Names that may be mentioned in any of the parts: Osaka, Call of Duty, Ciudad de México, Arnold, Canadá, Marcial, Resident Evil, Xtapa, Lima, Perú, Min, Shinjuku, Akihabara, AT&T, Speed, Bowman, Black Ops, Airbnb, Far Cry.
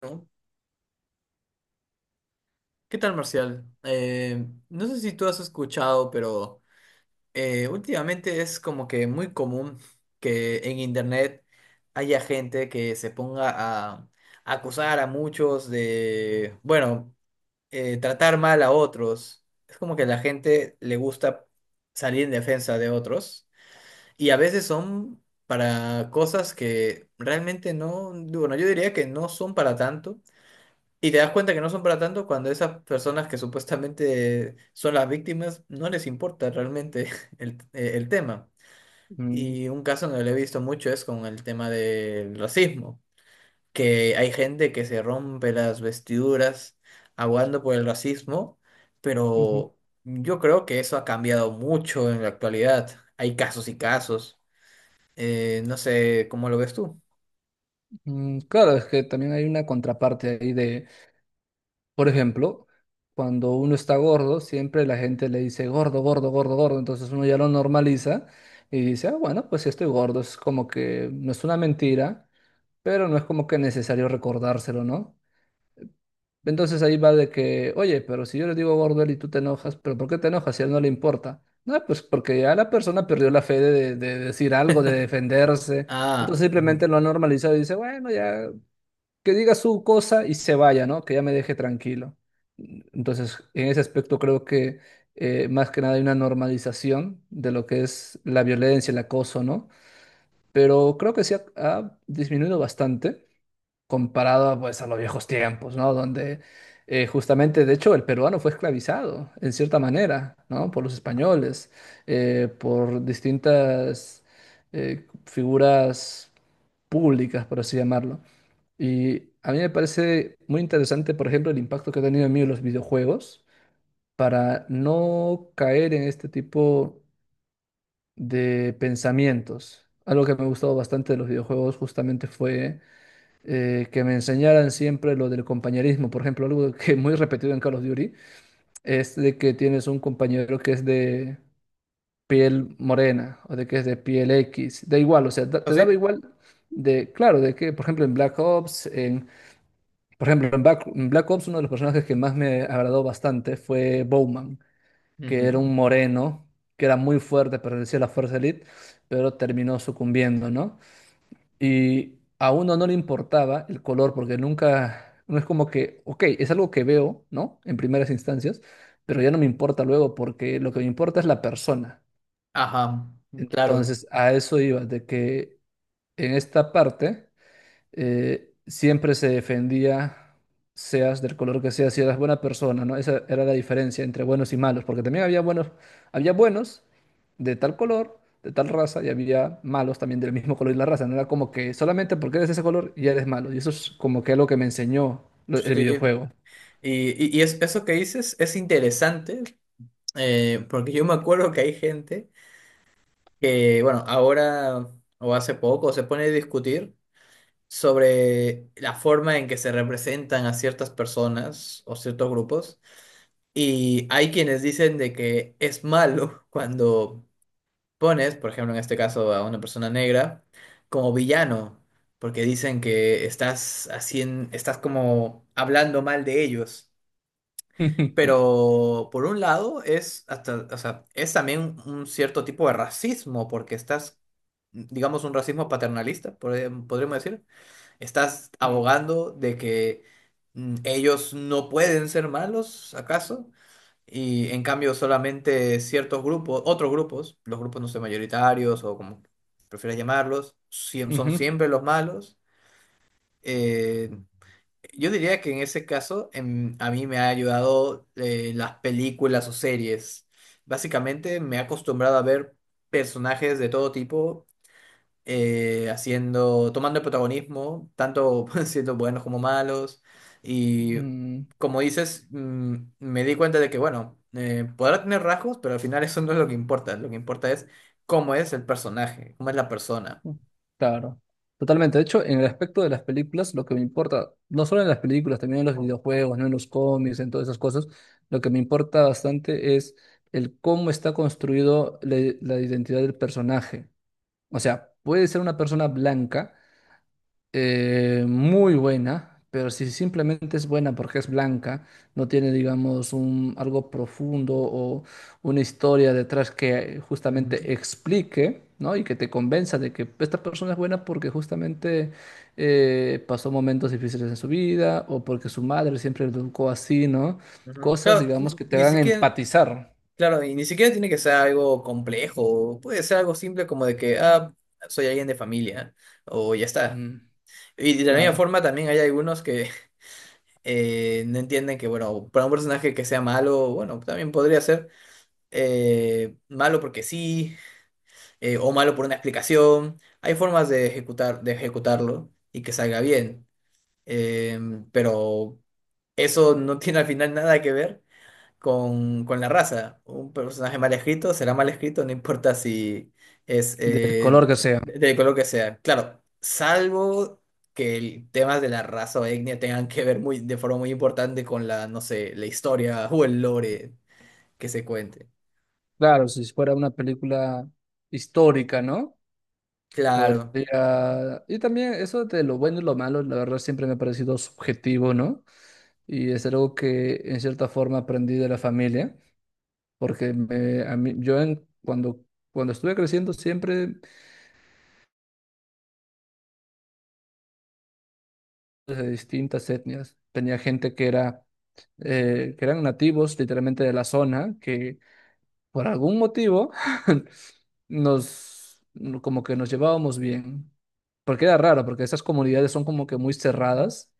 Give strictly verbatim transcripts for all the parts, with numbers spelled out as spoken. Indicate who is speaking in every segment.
Speaker 1: ¿No? ¿Qué tal, Marcial? Eh, no sé si tú has escuchado, pero eh, últimamente es como que muy común que en internet haya gente que se ponga a, a acusar a muchos de, bueno, eh, tratar mal a otros. Es como que a la gente le gusta salir en defensa de otros y a veces son para cosas que realmente no, bueno, yo diría que no son para tanto. Y te das cuenta que no son para tanto cuando esas personas que supuestamente son las víctimas no les importa realmente el, eh, el tema.
Speaker 2: Mm,
Speaker 1: Y un caso donde lo he visto mucho es con el tema del racismo, que hay gente que se rompe las vestiduras aguando por el racismo,
Speaker 2: ujú.
Speaker 1: pero yo creo que eso ha cambiado mucho en la actualidad. Hay casos y casos. Eh, no sé cómo lo ves tú.
Speaker 2: Mm, claro, es que también hay una contraparte ahí de, por ejemplo, cuando uno está gordo, siempre la gente le dice gordo, gordo, gordo, gordo, entonces uno ya lo normaliza y dice, ah, bueno, pues si estoy gordo, es como que no es una mentira, pero no es como que necesario recordárselo, ¿no? Entonces ahí va de que, oye, pero si yo le digo gordo a él y tú te enojas, pero ¿por qué te enojas si a él no le importa? No, pues porque ya la persona perdió la fe de de- de decir algo, de defenderse.
Speaker 1: Ah,
Speaker 2: Entonces
Speaker 1: ujú.
Speaker 2: simplemente lo ha normalizado y dice, bueno, ya, que diga su cosa y se vaya, ¿no? Que ya me deje tranquilo. Entonces, en ese aspecto creo que eh, más que nada hay una normalización de lo que es la violencia, el acoso, ¿no? Pero creo que sí ha, ha disminuido bastante comparado a, pues, a los viejos tiempos, ¿no? Donde eh, justamente, de hecho, el peruano fue esclavizado, en cierta manera, ¿no? Por los españoles, eh, por distintas eh, figuras públicas, por así llamarlo. Y a mí me parece muy interesante, por ejemplo, el impacto que ha tenido en mí los videojuegos para no caer en este tipo de pensamientos. Algo que me ha gustado bastante de los videojuegos justamente fue eh, que me enseñaran siempre lo del compañerismo. Por ejemplo, algo que es muy repetido en Call of Duty es de que tienes un compañero que es de piel morena o de que es de piel X. Da igual, o sea, da-
Speaker 1: ¿Ah,
Speaker 2: te
Speaker 1: sí?
Speaker 2: daba igual de, claro, de que, por ejemplo, en Black Ops, en... Por ejemplo, en Back- en Black Ops uno de los personajes que más me agradó bastante fue Bowman, que era
Speaker 1: Ujú.
Speaker 2: un moreno, que era muy fuerte, pertenecía a la Fuerza Elite, pero terminó sucumbiendo, ¿no? Y a uno no le importaba el color, porque nunca, no es como que, ok, es algo que veo, ¿no? En primeras instancias, pero ya no me importa luego, porque lo que me importa es la persona.
Speaker 1: Ajá, claro.
Speaker 2: Entonces, a eso iba, de que en esta parte... eh, Siempre se defendía, seas del color que seas, si eras buena persona, ¿no? Esa era la diferencia entre buenos y malos, porque también había buenos, había buenos de tal color, de tal raza, y había malos también del mismo color y la raza. No era como que solamente porque eres de ese color ya eres malo. Y eso es como que algo que me enseñó lo- el
Speaker 1: Sí,
Speaker 2: videojuego.
Speaker 1: Y, y- y es- eso que dices es interesante, eh, porque yo me acuerdo que hay gente que, bueno, ahora o hace poco se pone a discutir sobre la forma en que se representan a ciertas personas o ciertos grupos, y hay quienes dicen de que es malo cuando pones, por ejemplo, en este caso a una persona negra, como villano, porque dicen que estás haciendo, estás como hablando mal de ellos. Pero por un lado es hasta, o sea, es también un cierto tipo de racismo, porque estás, digamos, un racismo paternalista, podríamos podríamos decir. Estás
Speaker 2: Mm,
Speaker 1: abogando de que mm, ellos no pueden ser malos, ¿acaso? Y en cambio solamente ciertos grupos, otros grupos, los grupos no sé, mayoritarios o como prefieras llamarlos, siem- son
Speaker 2: ujú.
Speaker 1: siempre los malos. Eh, yo diría que en ese caso em, a mí me ha ayudado eh, las películas o series. Básicamente me he acostumbrado a ver personajes de todo tipo eh, haciendo, tomando el protagonismo, tanto siendo buenos como malos. Y
Speaker 2: Mm,
Speaker 1: como dices, mm, me di cuenta de que, bueno, eh, podrá tener rasgos, pero al final eso no es lo que importa. Lo que importa es cómo es el personaje, cómo es la persona.
Speaker 2: mm, claro, totalmente. De hecho, en el aspecto de las películas, lo que me importa, no solo en las películas, también en los videojuegos, ¿no? En los cómics, en todas esas cosas, lo que me importa bastante es el cómo está construido la, la identidad del personaje. O sea, puede ser una persona blanca eh, muy buena, pero si simplemente es buena porque es blanca, no tiene, digamos, un, algo profundo o una historia detrás que
Speaker 1: Ujú,
Speaker 2: justamente explique, ¿no? Y que te convenza de que esta persona es buena porque justamente eh, pasó momentos difíciles en su vida o porque su madre siempre le educó así, ¿no?
Speaker 1: ujú.
Speaker 2: Cosas,
Speaker 1: Claro,
Speaker 2: digamos,
Speaker 1: ni
Speaker 2: que te
Speaker 1: ni
Speaker 2: hagan
Speaker 1: siquiera.
Speaker 2: empatizar.
Speaker 1: Claro, y ni siquiera tiene que ser algo complejo, puede ser algo simple como de que, ah, soy alguien de familia, o ya está.
Speaker 2: Mm,
Speaker 1: Y de la misma
Speaker 2: claro,
Speaker 1: forma también hay algunos que eh, no entienden que, bueno, para un personaje que sea malo, bueno, también podría ser eh, malo porque sí, eh, o malo por una explicación. Hay formas de ejecutar, de ejecutarlo y que salga bien. Em, pero eso no tiene al final nada que ver con, con la raza. Un personaje mal escrito será mal escrito, no importa si es
Speaker 2: del
Speaker 1: eh,
Speaker 2: color que sea.
Speaker 1: del color que sea. Claro, salvo que el tema de la raza o etnia tengan que ver muy, de forma muy importante con la, no sé, la historia o el lore que se cuente.
Speaker 2: Claro, si fuera una película histórica, ¿no?
Speaker 1: Claro.
Speaker 2: Podría. Y también eso de lo bueno y lo malo, la verdad siempre me ha parecido subjetivo, ¿no? Y es algo que en cierta forma aprendí de la familia, porque me- a mí- yo en- cuando, cuando estuve creciendo siempre pues, de distintas etnias. Tenía gente que era, eh, que eran nativos literalmente de la zona, que por algún motivo nos, como que nos llevábamos bien. Porque era raro, porque esas comunidades son como que muy cerradas,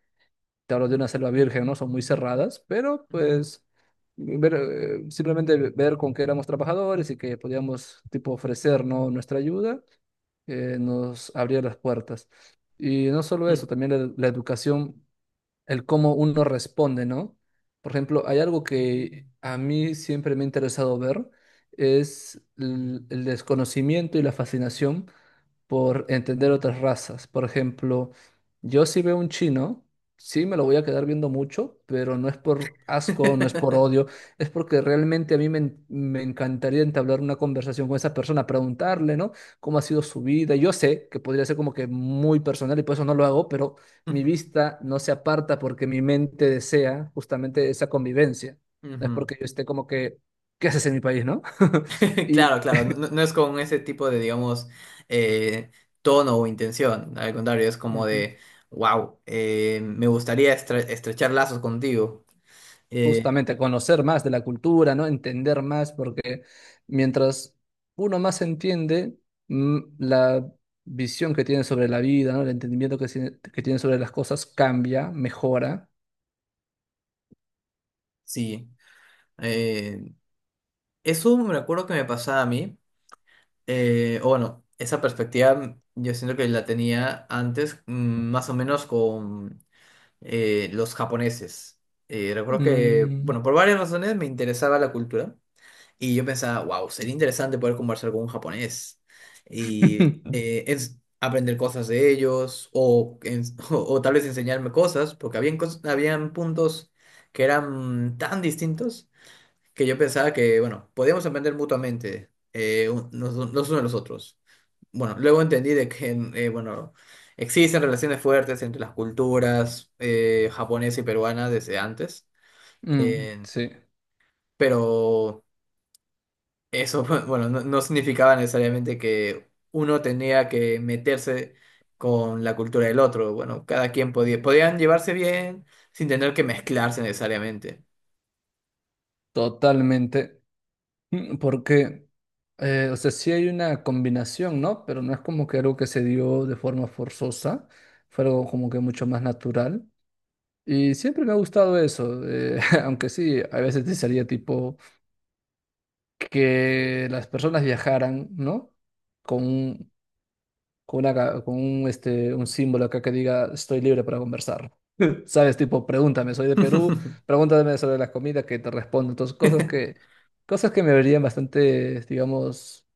Speaker 2: te hablo de una selva virgen, ¿no? Son muy cerradas, pero pues ver, eh, simplemente ver con que éramos trabajadores y que podíamos, tipo, ofrecer, ¿no?, nuestra ayuda, eh, nos abría las puertas. Y no solo eso, también la, la educación, el cómo uno responde, ¿no? Por ejemplo, hay algo que a mí siempre me ha interesado ver, es el el desconocimiento y la fascinación por entender otras razas. Por ejemplo, yo si veo un chino, sí me lo voy a quedar viendo mucho, pero no es por asco, no es por odio, es porque realmente a mí me, en- me encantaría entablar una conversación con esa persona, preguntarle, ¿no? ¿Cómo ha sido su vida? Yo sé que podría ser como que muy personal y por eso no lo hago, pero mi vista no se aparta porque mi mente desea justamente esa convivencia. No es
Speaker 1: Ujú.
Speaker 2: porque yo esté como que, ¿qué haces en mi país, no? Y...
Speaker 1: Claro, claro, no, no no es con ese tipo de, digamos, eh, tono o intención, al contrario, es como
Speaker 2: Ujú.
Speaker 1: de, wow, me gustaría estre- estrechar lazos contigo. Eh,
Speaker 2: Justamente, conocer más de la cultura, ¿no? Entender más, porque mientras uno más entiende, mm, la visión que tiene sobre la vida, ¿no? El entendimiento que, tiene- que tiene sobre las cosas cambia, mejora.
Speaker 1: sí, eh, eso me acuerdo que me pasaba a mí, eh, o bueno, esa perspectiva yo siento que la tenía antes, mm, más o menos con eh, los japoneses. Eh, recuerdo que,
Speaker 2: Mm.
Speaker 1: bueno, por varias razones me interesaba la cultura. Y yo pensaba, wow, sería interesante poder conversar con un japonés y eh, ens- aprender cosas de ellos o, ens- o, o tal vez enseñarme cosas, porque habían, cos- habían puntos que eran tan distintos que yo pensaba que, bueno, podíamos aprender mutuamente eh, un- los, los unos de los otros. Bueno, luego entendí de que, eh, bueno, existen relaciones fuertes entre las culturas eh, japonesa y peruana desde antes.
Speaker 2: Mm,
Speaker 1: eh,
Speaker 2: sí,
Speaker 1: pero eso, bueno, no, no significaba necesariamente que uno tenía que meterse con la cultura del otro. Bueno, cada quien podía, podían llevarse bien sin tener que mezclarse necesariamente.
Speaker 2: totalmente. Mm, porque, eh, o sea, sí hay una combinación, ¿no? Pero no es como que algo que se dio de forma forzosa, fue algo como que mucho más natural. Y siempre me ha gustado eso, eh, aunque sí, a veces te salía tipo que las personas viajaran, ¿no? Con un, con una ca- con un, este, un símbolo acá que diga estoy libre para conversar. ¿Sabes? Tipo, pregúntame, soy de Perú, pregúntame sobre la comida que te respondo. Entonces, cosas que, cosas que me verían bastante, digamos,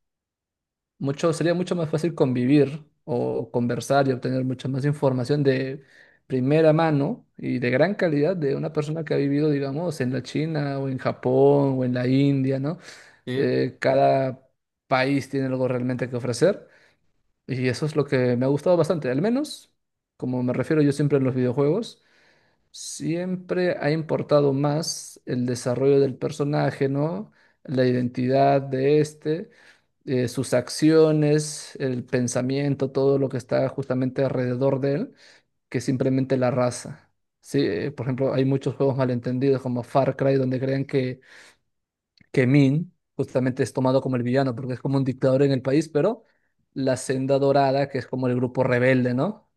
Speaker 2: mucho, sería mucho más fácil convivir o conversar y obtener mucha más información de primera mano y de gran calidad de una persona que ha vivido, digamos, en la China o en Japón o en la India, ¿no?
Speaker 1: Sí.
Speaker 2: Eh, cada país tiene algo realmente que ofrecer y eso es lo que me ha gustado bastante, al menos, como me refiero yo siempre en los videojuegos. Siempre ha importado más el desarrollo del personaje, ¿no? La identidad de este eh, sus acciones, el pensamiento, todo lo que está justamente alrededor de él, que simplemente la raza. Sí, eh, por ejemplo, hay muchos juegos malentendidos como Far Cry, donde creen que, que Min justamente es tomado como el villano, porque es como un dictador en el país, pero la senda dorada, que es como el grupo rebelde, ¿no?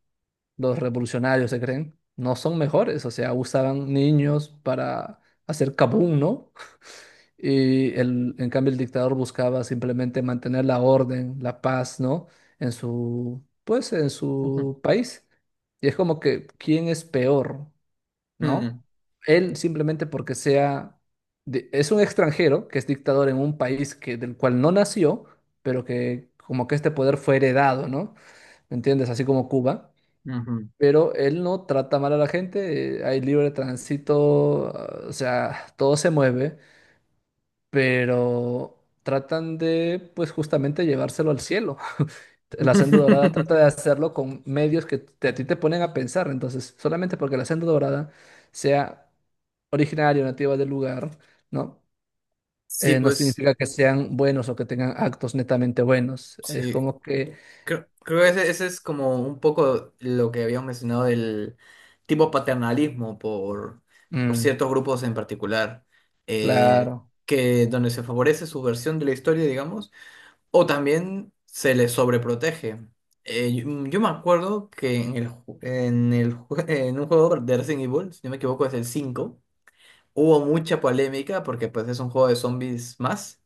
Speaker 2: Los revolucionarios se creen, no son mejores, o sea, usaban niños para hacer kabum, ¿no? Y el, en cambio el dictador buscaba simplemente mantener la orden, la paz, ¿no? En su, pues, en
Speaker 1: Ujú.
Speaker 2: su país. Y es como que, ¿quién es peor, no? Él simplemente porque sea, de- es un extranjero que es dictador en un país que, del cual no nació, pero que como que este poder fue heredado, ¿no? ¿Me entiendes? Así como Cuba.
Speaker 1: Mm, ujú.
Speaker 2: Pero él no trata mal a la gente, eh, hay libre tránsito, ah, o sea, todo se mueve, pero tratan de, pues justamente llevárselo al cielo. La senda dorada trata de hacerlo con medios que te- a ti te ponen a pensar, entonces, solamente porque la senda dorada sea originaria, o nativa del lugar, ¿no?
Speaker 1: Sí,
Speaker 2: Eh, no
Speaker 1: pues,
Speaker 2: significa que sean buenos o que tengan actos netamente buenos. Es
Speaker 1: sí.
Speaker 2: como que.
Speaker 1: Creo, creo que ese, ese es como un poco lo que habíamos mencionado del tipo paternalismo por, por
Speaker 2: Mm.
Speaker 1: ciertos grupos en particular, eh,
Speaker 2: Claro.
Speaker 1: que donde se favorece su versión de la historia, digamos, o también se les sobreprotege. Eh, yo, mm, yo me acuerdo que en el, ju- en el, ju- en un juego de Resident Evil, si no me equivoco es el cinco, hubo mucha polémica porque pues es un juego de zombies más,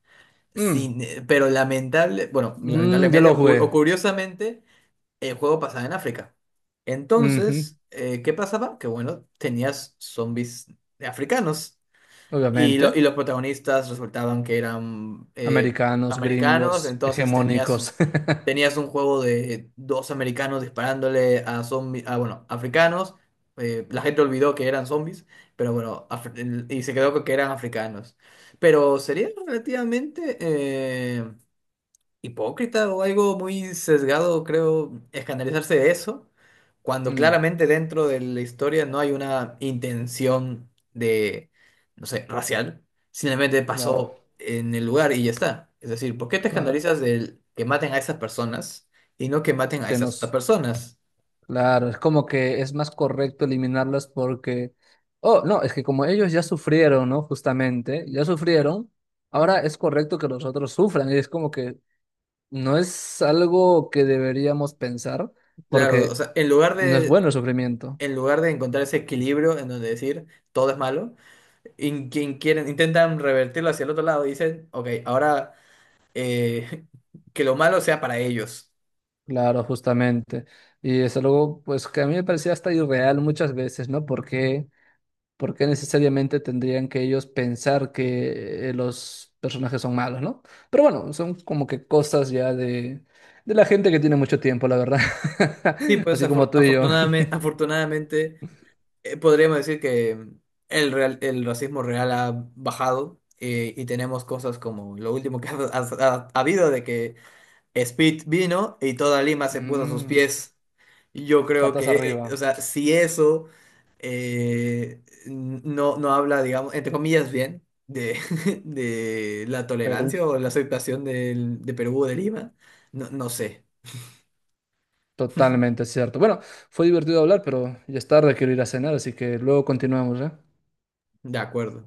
Speaker 2: Mm.
Speaker 1: sin, eh, pero lamentable, bueno,
Speaker 2: Mm. Yo
Speaker 1: lamentablemente
Speaker 2: lo
Speaker 1: o cu- o
Speaker 2: jugué.
Speaker 1: curiosamente el juego pasaba en África.
Speaker 2: Ujú.
Speaker 1: Entonces, eh, ¿qué pasaba? Que bueno, tenías zombies africanos y, lo- y
Speaker 2: Obviamente,
Speaker 1: los protagonistas resultaban que eran eh,
Speaker 2: americanos,
Speaker 1: americanos,
Speaker 2: gringos,
Speaker 1: entonces tenías,
Speaker 2: hegemónicos.
Speaker 1: un- tenías un juego de dos americanos disparándole a zombies, a, bueno, africanos. Eh, la gente olvidó que eran zombies, pero bueno, af- y se quedó con que eran africanos. Pero sería relativamente... eh, hipócrita o algo muy sesgado, creo, escandalizarse de eso, cuando
Speaker 2: Mm,
Speaker 1: claramente dentro de la historia no hay una intención de, no sé, racial, simplemente
Speaker 2: claro,
Speaker 1: pasó en el lugar y ya está. Es decir, ¿por qué te
Speaker 2: claro.
Speaker 1: escandalizas del que maten a esas personas y no que maten a
Speaker 2: Que
Speaker 1: esas otras
Speaker 2: nos.
Speaker 1: personas?
Speaker 2: Claro, es como que es más correcto eliminarlas porque, oh, no, es que como ellos ya sufrieron, ¿no? Justamente, ya sufrieron, ahora es correcto que los otros sufran. Y es como que no es algo que deberíamos pensar
Speaker 1: Claro, o
Speaker 2: porque
Speaker 1: sea, en lugar
Speaker 2: no es
Speaker 1: de,
Speaker 2: bueno el sufrimiento.
Speaker 1: en lugar de encontrar ese equilibrio en donde decir todo es malo, in- quien quieren, intentan revertirlo hacia el otro lado y dicen, ok, ahora... eh, que lo malo sea para ellos.
Speaker 2: Claro, justamente. Y es algo, pues, que a mí me parecía hasta irreal muchas veces, ¿no? Porque, ¿por qué necesariamente tendrían que ellos pensar que eh, los personajes son malos, no? Pero bueno, son como que cosas ya de, de la gente que tiene mucho tiempo, la verdad.
Speaker 1: Sí, pues
Speaker 2: Así como tú y yo.
Speaker 1: afortunadamente, afortunadamente eh, podríamos decir que mm, el, real- el racismo real ha bajado, eh, y tenemos cosas como lo último que ha, ha- ha habido de que Speed vino y toda Lima se puso a sus
Speaker 2: Mm,
Speaker 1: pies. Yo creo
Speaker 2: patas
Speaker 1: que, eh, o
Speaker 2: arriba,
Speaker 1: sea, si eso eh, n- no, no habla, digamos, entre comillas, bien de, de la
Speaker 2: Perú.
Speaker 1: tolerancia o la aceptación del- de Perú o de Lima, no, no sé,
Speaker 2: Totalmente cierto. Bueno, fue divertido hablar, pero ya es tarde, quiero ir a cenar, así que luego continuamos, ¿eh?
Speaker 1: de acuerdo.